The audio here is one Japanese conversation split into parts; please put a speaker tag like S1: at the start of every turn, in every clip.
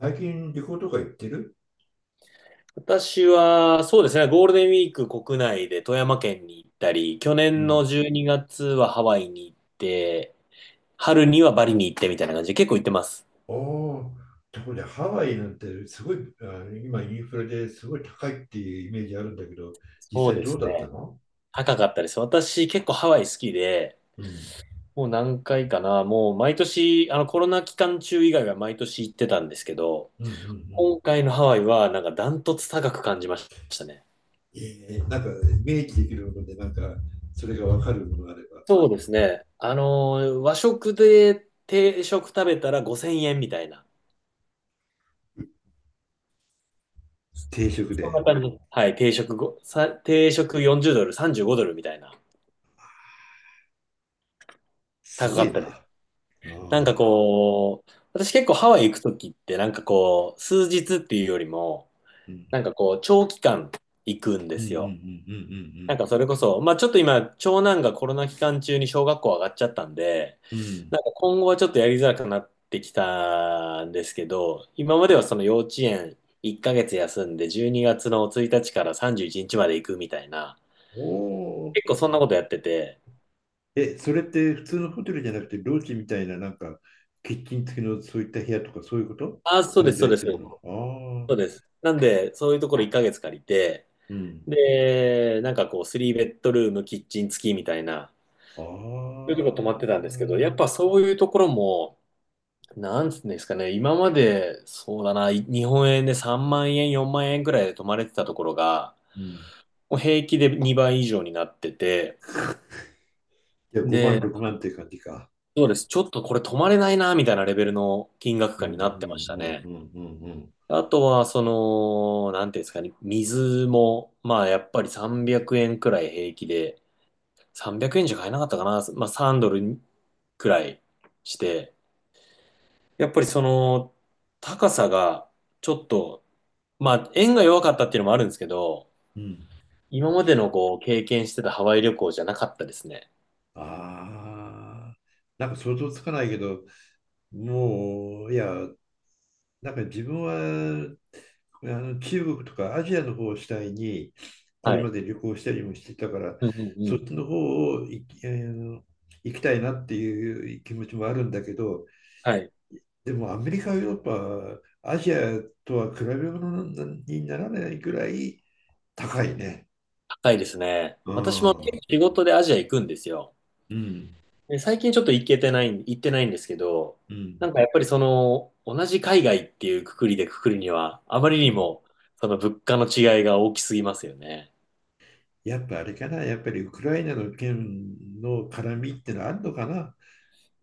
S1: 最近旅行とか行ってる？
S2: 私は、そうですね、ゴールデンウィーク国内で富山県に行ったり、去
S1: う
S2: 年の
S1: ん。
S2: 12月はハワイに行って、春にはバリに行ってみたいな感じで結構行ってます。
S1: ああ、ところでハワイなんてすごい、今インフレですごい高いっていうイメージあるんだけど、
S2: そ
S1: 実
S2: う
S1: 際
S2: で
S1: どう
S2: す
S1: だった
S2: ね。
S1: の？
S2: 高かったです。私結構ハワイ好きで、
S1: うん。
S2: もう何回かな、もう毎年、あのコロナ期間中以外は毎年行ってたんですけど、
S1: うんうんうん。
S2: 今回のハワイはなんかダントツ高く感じましたね。
S1: えー、なんかイメージできるもので、なんかそれがわかるものがあれば。
S2: そうですね。和食で定食食べたら5000円みたいな。
S1: 定食
S2: そん
S1: で。
S2: な感じ。はい、定食40ドル、35ドルみたいな、
S1: す
S2: 高
S1: ご
S2: か
S1: い
S2: っ
S1: な。
S2: たです。
S1: あ
S2: なんか
S1: あ。
S2: こう、私結構ハワイ行くときって、なんかこう、数日っていうよりも、
S1: うん
S2: なんかこう、長期間行くんで
S1: うんうん
S2: すよ。
S1: う
S2: なん
S1: ん
S2: かそれこそ、まあちょっと今、長男がコロナ期間中に小学校上がっちゃったんで、
S1: うんうんうん。うん。
S2: なんか今後はちょっとやりづらくなってきたんですけど、今まではその幼稚園1ヶ月休んで、12月の1日から31日まで行くみたいな、
S1: お。
S2: 結構そんなことやってて、
S1: え、それって普通のホテルじゃなくて、ロージみたいな、なんか、キッチン付きのそういった部屋とか、そういうこと
S2: ああ、そうで
S1: 滞
S2: す、そう
S1: 在
S2: です、
S1: するの？
S2: そ
S1: あ
S2: うで
S1: あ、
S2: す。なんで、そういうところ1ヶ月借りて、
S1: うん。
S2: で、なんかこう、3ベッドルーム、キッチン付きみたいな、
S1: あ
S2: そういうとこ泊まってたんですけど、やっ
S1: あ、
S2: ぱそういうところも、なんつうんですかね、今まで、そうだな、日本円で3万円、4万円ぐらいで泊まれてたところが、
S1: うん。
S2: もう平気で2倍以上になってて、
S1: じゃあ5万、
S2: で、
S1: 6万って感じか。
S2: そうです、ちょっとこれ泊まれないな、みたいなレベルの金額
S1: うん
S2: 感
S1: う
S2: になってま
S1: ん
S2: した
S1: うんう
S2: ね。
S1: んうんうん。
S2: あとは、その、なんていうんですかね、水も、まあ、やっぱり300円くえんくらい平気で、300円じゃ買えなかったかな、まあ、3ドルくらいして、やっぱりその、高さが、ちょっと、まあ、円が弱かったっていうのもあるんですけど、
S1: うん。
S2: 今までのこう、経験してたハワイ旅行じゃなかったですね。
S1: ああ、なんか想像つかないけど、もう、いや、なんか自分はあの中国とかアジアの方を主体にこれ
S2: は
S1: ま
S2: い。
S1: で旅行したりもしてたから
S2: うんうん
S1: そ
S2: う
S1: っ
S2: ん。
S1: ちの方を行き、行きたいなっていう気持ちもあるんだけど、
S2: はい。
S1: でもアメリカヨーロッパアジアとは比べ物にならないぐらい高いね。
S2: 高いですね。
S1: う
S2: 私
S1: ん
S2: も結
S1: う
S2: 構
S1: ん
S2: 仕事でアジア行くんですよ。で最近ちょっと行けてない、行ってないんですけど、
S1: う
S2: な
S1: ん
S2: んかやっぱりその、同じ海外っていうくくりでくくるには、あまり
S1: う
S2: に
S1: ん。
S2: も、その物価の違いが大きすぎますよね。
S1: やっぱあれかな、やっぱりウクライナの件の絡みってのはあるのかな。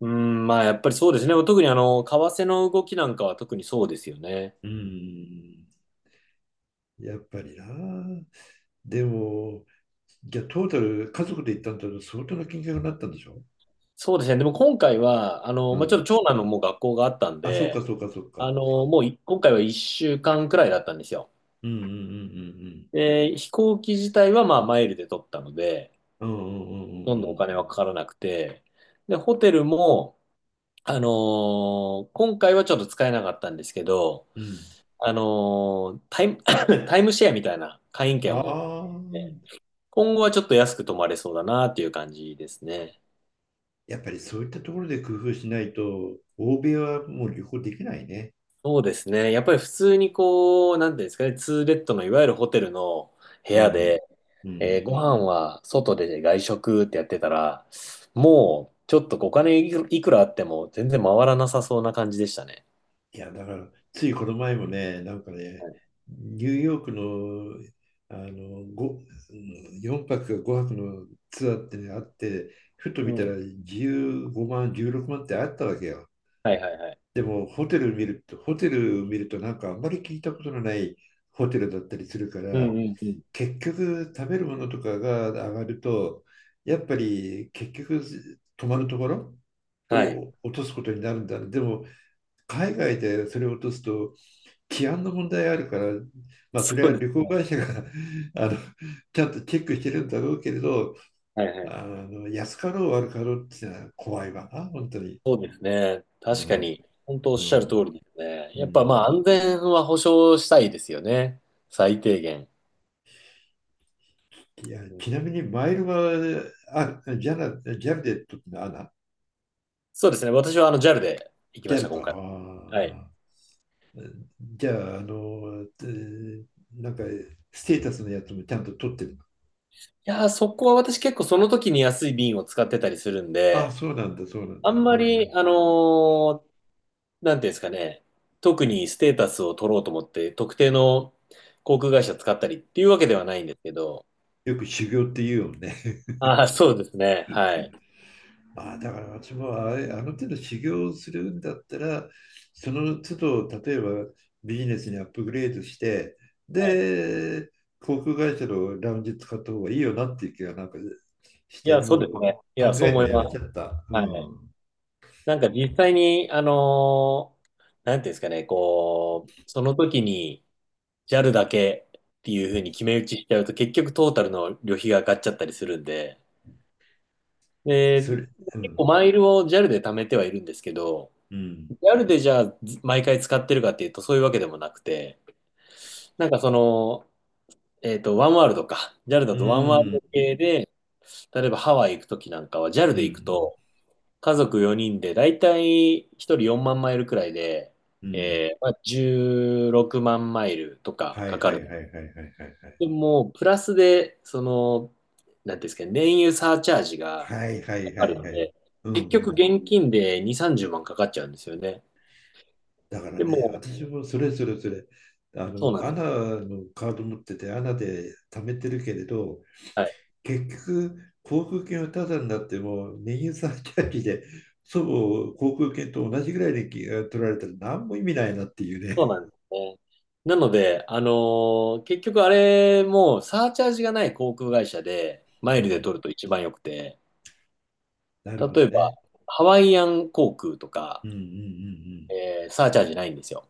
S2: うん、まあやっぱりそうですね。特に為替の動きなんかは特にそうですよね。
S1: うん。やっぱりな。でも、じゃあトータル、家族で行ったんだと相当な金額になったんでしょ？
S2: そうですね。でも今回は、
S1: う
S2: まあ、ちょっと
S1: ん。
S2: 長男のもう学校があったん
S1: あ、そうか
S2: で、
S1: そうかそうか。
S2: もう今回は1週間くらいだったんですよ。
S1: うんうん
S2: で、飛行機自体はまあマイルで取ったので、
S1: うんうんうん。うん
S2: ほ
S1: う
S2: とん
S1: んう
S2: どお
S1: ん
S2: 金はかからなくて、で、ホテルも、あの今回はちょっと使えなかったんですけど、
S1: うんうん。うん。
S2: あのータイム、タイムシェアみたいな会員権
S1: あ
S2: を持っ
S1: あ
S2: て、
S1: ー。
S2: 今後はちょっと安く泊まれそうだなっていう感じですね。
S1: やっぱりそういったところで工夫しないと、欧米はもう旅行できないね。
S2: そうですね。やっぱり普通にこう、なんていうんですかね、ツーベッドのいわゆるホテルの部
S1: う
S2: 屋
S1: ん。
S2: で、
S1: うん。
S2: ご飯は外で外食ってやってたら、もうちょっとお金いくらあっても全然回らなさそうな感じでしたね。
S1: いや、だから、ついこの前もね、なんかね、
S2: はい、
S1: ニューヨークの、あの、ご4泊か5泊のツアーってね、あって、ふと
S2: う
S1: 見た
S2: ん。
S1: ら15万、16万ってあったわけよ。
S2: はいはいはい。
S1: でも、ホテル見ると、なんかあんまり聞いたことのないホテルだったりするか
S2: うんう
S1: ら、
S2: んうん。
S1: 結局食べるものとかが上がると、やっぱり結局泊まるところ
S2: はい。
S1: を落とすことになるんだ。でも、海外でそれを落とすと、治安の問題があるから、まあ、
S2: そ
S1: それ
S2: う
S1: は
S2: です
S1: 旅行
S2: ね。
S1: 会社が あのちゃんとチェックしてるんだろうけれど、
S2: はいはい。
S1: あの安かろう悪かろうっていうのは怖いわな、本当に。
S2: そうですね。
S1: う
S2: 確か
S1: ん
S2: に、本当おっ
S1: う
S2: しゃる通
S1: ん
S2: りですね。
S1: う
S2: やっぱまあ
S1: ん。
S2: 安全は保証したいですよね。最低限。
S1: いや、
S2: う
S1: ち
S2: ん、
S1: なみにマイルは、あ、ジャナ、ジャルで時のアナ、
S2: そうですね。私はJAL で行き
S1: ジ
S2: ま
S1: ャ
S2: した、
S1: ルか。
S2: 今回。はい。い
S1: あー、じゃあ、あの、なんか、ステータスのやつもちゃんと取ってるの？
S2: やー、そこは私結構その時に安い便を使ってたりするん
S1: あ、
S2: で、
S1: そうなんだ、そうなん
S2: あ
S1: だ。あ
S2: んまり、
S1: ー。
S2: ーなんていうんですかね、特にステータスを取ろうと思って、特定の航空会社使ったりっていうわけではないんですけど、
S1: よく修行って言うよね。
S2: ああ、そうですね。はい。
S1: ああ、だから私もあれ、あの手の修行をするんだったら、その都度、例えばビジネスにアップグレードして、
S2: はい。
S1: で、航空会社のラウンジ使った方がいいよなっていう気がなんかし
S2: い
S1: て、
S2: や、そう
S1: もう
S2: ですね。い
S1: 考
S2: や、そう
S1: えるの
S2: 思い
S1: や
S2: ま
S1: め
S2: す。
S1: ちゃった。う
S2: はい。
S1: ん。
S2: なんか実際に、なんていうんですかね、こう、その時に JAL だけっていうふうに決め打ちしちゃうと、結局トータルの旅費が上がっちゃったりするんで、で、
S1: それ、う
S2: 結構
S1: ん。
S2: マイルを JAL で貯めてはいるんですけど、
S1: うん。
S2: JAL でじゃあず毎回使ってるかっていうと、そういうわけでもなくて、なんかその、ワンワールドか。JAL だ
S1: う
S2: とワンワール
S1: ん。
S2: ド系で、例えばハワイ行く時なんかは JAL
S1: う
S2: で行く
S1: ん。
S2: と、家族4人で、だいたい1人4万マイルくらいで、
S1: うん。
S2: まあ、16万マイルとか
S1: はい
S2: かか
S1: はい
S2: る。
S1: はいはいはいはい。
S2: でも、プラスで、その、なんていうんですかね、燃油サーチャージが
S1: はいは
S2: か
S1: いは
S2: かる
S1: い
S2: の
S1: はい。
S2: で、
S1: う
S2: 結
S1: んう
S2: 局
S1: ん。
S2: 現金で2、30万かかっちゃうんですよね。
S1: だから
S2: で
S1: ね、
S2: も、
S1: 私もそれそれそれ、あ
S2: そうな
S1: の、
S2: んで
S1: ア
S2: す
S1: ナ
S2: よ。
S1: のカード持ってて、アナで貯めてるけれど、
S2: はい。
S1: 結局、航空券はタダになっても、燃油サーチャージで、祖母航空券と同じぐらいでき取られたら何も意味ないなっていうね。
S2: そうなんですね。なので、結局あれもサーチャージがない航空会社でマ
S1: う
S2: イルで
S1: ん、
S2: 取ると一番良くて、
S1: なるほ
S2: 例
S1: ど
S2: えば
S1: ね。
S2: ハワイアン航空とか、
S1: うんうんうん
S2: サーチャージないんですよ。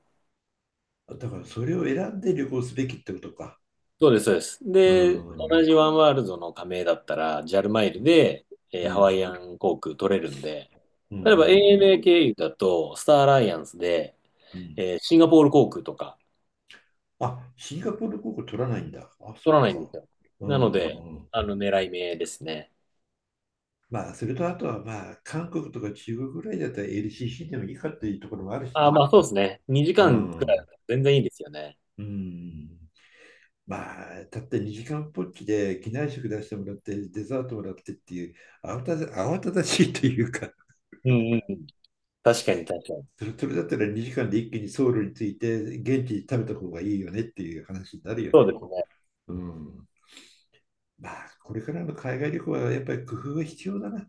S1: うん。だからそれを選んで旅行すべきってことか。
S2: そうです、そうです。
S1: う
S2: で、
S1: ん。う
S2: 同
S1: ん
S2: じワンワールドの加盟だったら、ジャルマイルで、
S1: う
S2: ハワ
S1: ん
S2: イアン航空取れるんで、
S1: うんう
S2: 例えば
S1: ん
S2: ANA 経由だと、スターアライアンスで、
S1: うん。
S2: シンガポール航空とか
S1: あ、シンガポール航空取らないんだ。あ、
S2: 取
S1: そ
S2: ら
S1: っ
S2: ないんで
S1: か。
S2: すよ。
S1: うん
S2: なので、
S1: うんうん。
S2: 狙い目ですね。
S1: まあ、それとあとは、まあ、韓国とか中国ぐらいだったら LCC でもいいかっていうところもあるし
S2: あー、
S1: ね。
S2: まあそうですね。2
S1: う
S2: 時間くらいだ
S1: ん。
S2: ったら全然いいですよね。
S1: うん。まあ、たった2時間ぽっきで機内食出してもらって、デザートもらってっていう、慌ただしいというか、
S2: うん うんうん。確かに確かに。
S1: それ、それだったら2時間で一気にソウルに着いて、現地で食べた方がいいよねっていう話になるよ
S2: そ
S1: ね。
S2: うですね。
S1: うん。まあ、これからの海外旅行はやっぱり工夫が必要だな。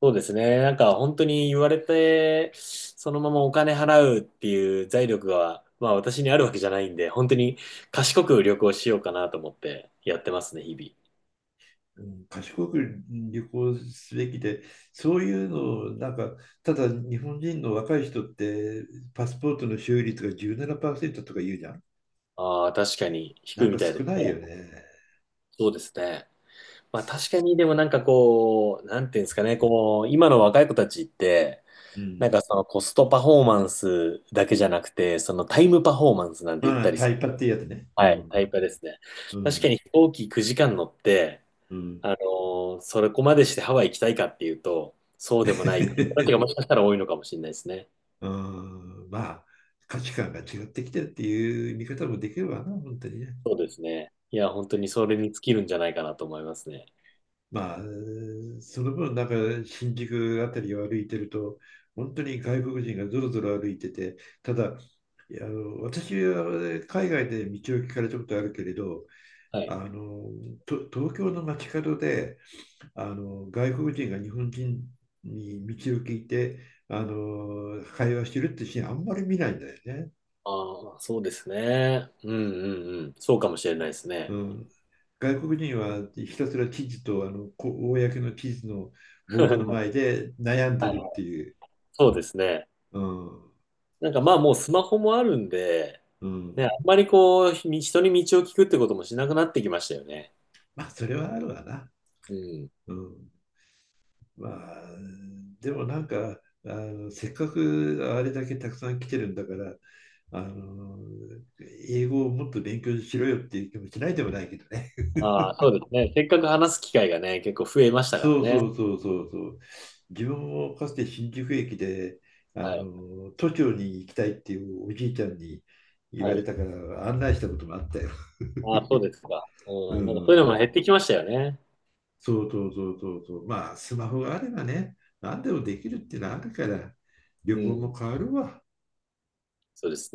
S2: そうですね。なんか本当に言われて、そのままお金払うっていう財力が、まあ私にあるわけじゃないんで、本当に賢く旅行しようかなと思ってやってますね、日
S1: うん。賢く旅行すべきで、そういうのをなんか、ただ日本人の若い人って、パスポートの所有率が17%とか言うじゃん。
S2: 々。ああ、確かに低
S1: な
S2: い
S1: ん
S2: み
S1: か
S2: たいで
S1: 少
S2: す
S1: ないよ
S2: ね。
S1: ね。
S2: そうですね。まあ確かにでもなんかこう、なんていうんですかね、こう、今の若い子たちって、
S1: う
S2: な
S1: ん。
S2: んかそのコストパフォーマンスだけじゃなくて、そのタイムパフォーマンスなんて言っ
S1: まあ、
S2: たり
S1: タ
S2: す
S1: イ
S2: る。
S1: パっていうやつね。う
S2: はい、
S1: ん。
S2: タイパですね。
S1: う
S2: 確か
S1: ん。
S2: に飛行機9時間乗って、
S1: うん。
S2: あのそれこまでしてハワイ行きたいかっていうと、そうでもないっていう人たちがもしかし たら多いのかもしれないですね。
S1: うん。まあ、価値観が違ってきてるっていう見方もできるわな、本当にね。
S2: そうですね。いや、本当にそれに尽きるんじゃないかなと思いますね。
S1: まあ、その分、なんか新宿あたりを歩いてると、本当に外国人がぞろぞろ歩いてて、ただ、いや、あの、私は海外で道を聞かれたことあるけれど、
S2: はい。
S1: あの、東京の街角で、あの、外国人が日本人に道を聞いて、あの、会話してるってシーンあんまり見ないんだよね。
S2: ああ、そうですね。うんうんうん。そうかもしれないですね。
S1: うん。外国人はひたすら地図と、あの、公の地図のボードの前 で悩んで
S2: はい、
S1: るっていう。
S2: そうですね。
S1: うん。
S2: なんかまあもうスマホもあるんで、
S1: う
S2: ね、あ
S1: ん。
S2: んまりこう、人に道を聞くってこともしなくなってきましたよね。
S1: まあ、それはあるわな。
S2: うん。
S1: うん。まあ、でもなんか、あの、せっかくあれだけたくさん来てるんだから、あの、英語をもっと勉強しろよっていう気もしないでもないけどね。
S2: ああ、そうですね。せっかく話す機会がね、結構増えましたから
S1: そうそ
S2: ね。
S1: うそうそうそう。自分もかつて新宿駅で、あ
S2: はい。
S1: の、都庁に行きたいっていうおじいちゃんに言わ
S2: は
S1: れ
S2: い。
S1: たから案内したこともあったよ。
S2: ああ、そうですか。
S1: う
S2: うん、なんかそういう
S1: ん。
S2: のも減ってきましたよね。
S1: そうそうそうそうそう。まあ、スマホがあればね、何でもできるっていうのはあるから、
S2: う
S1: 旅行
S2: ん、
S1: も変わるわ。
S2: そうですね。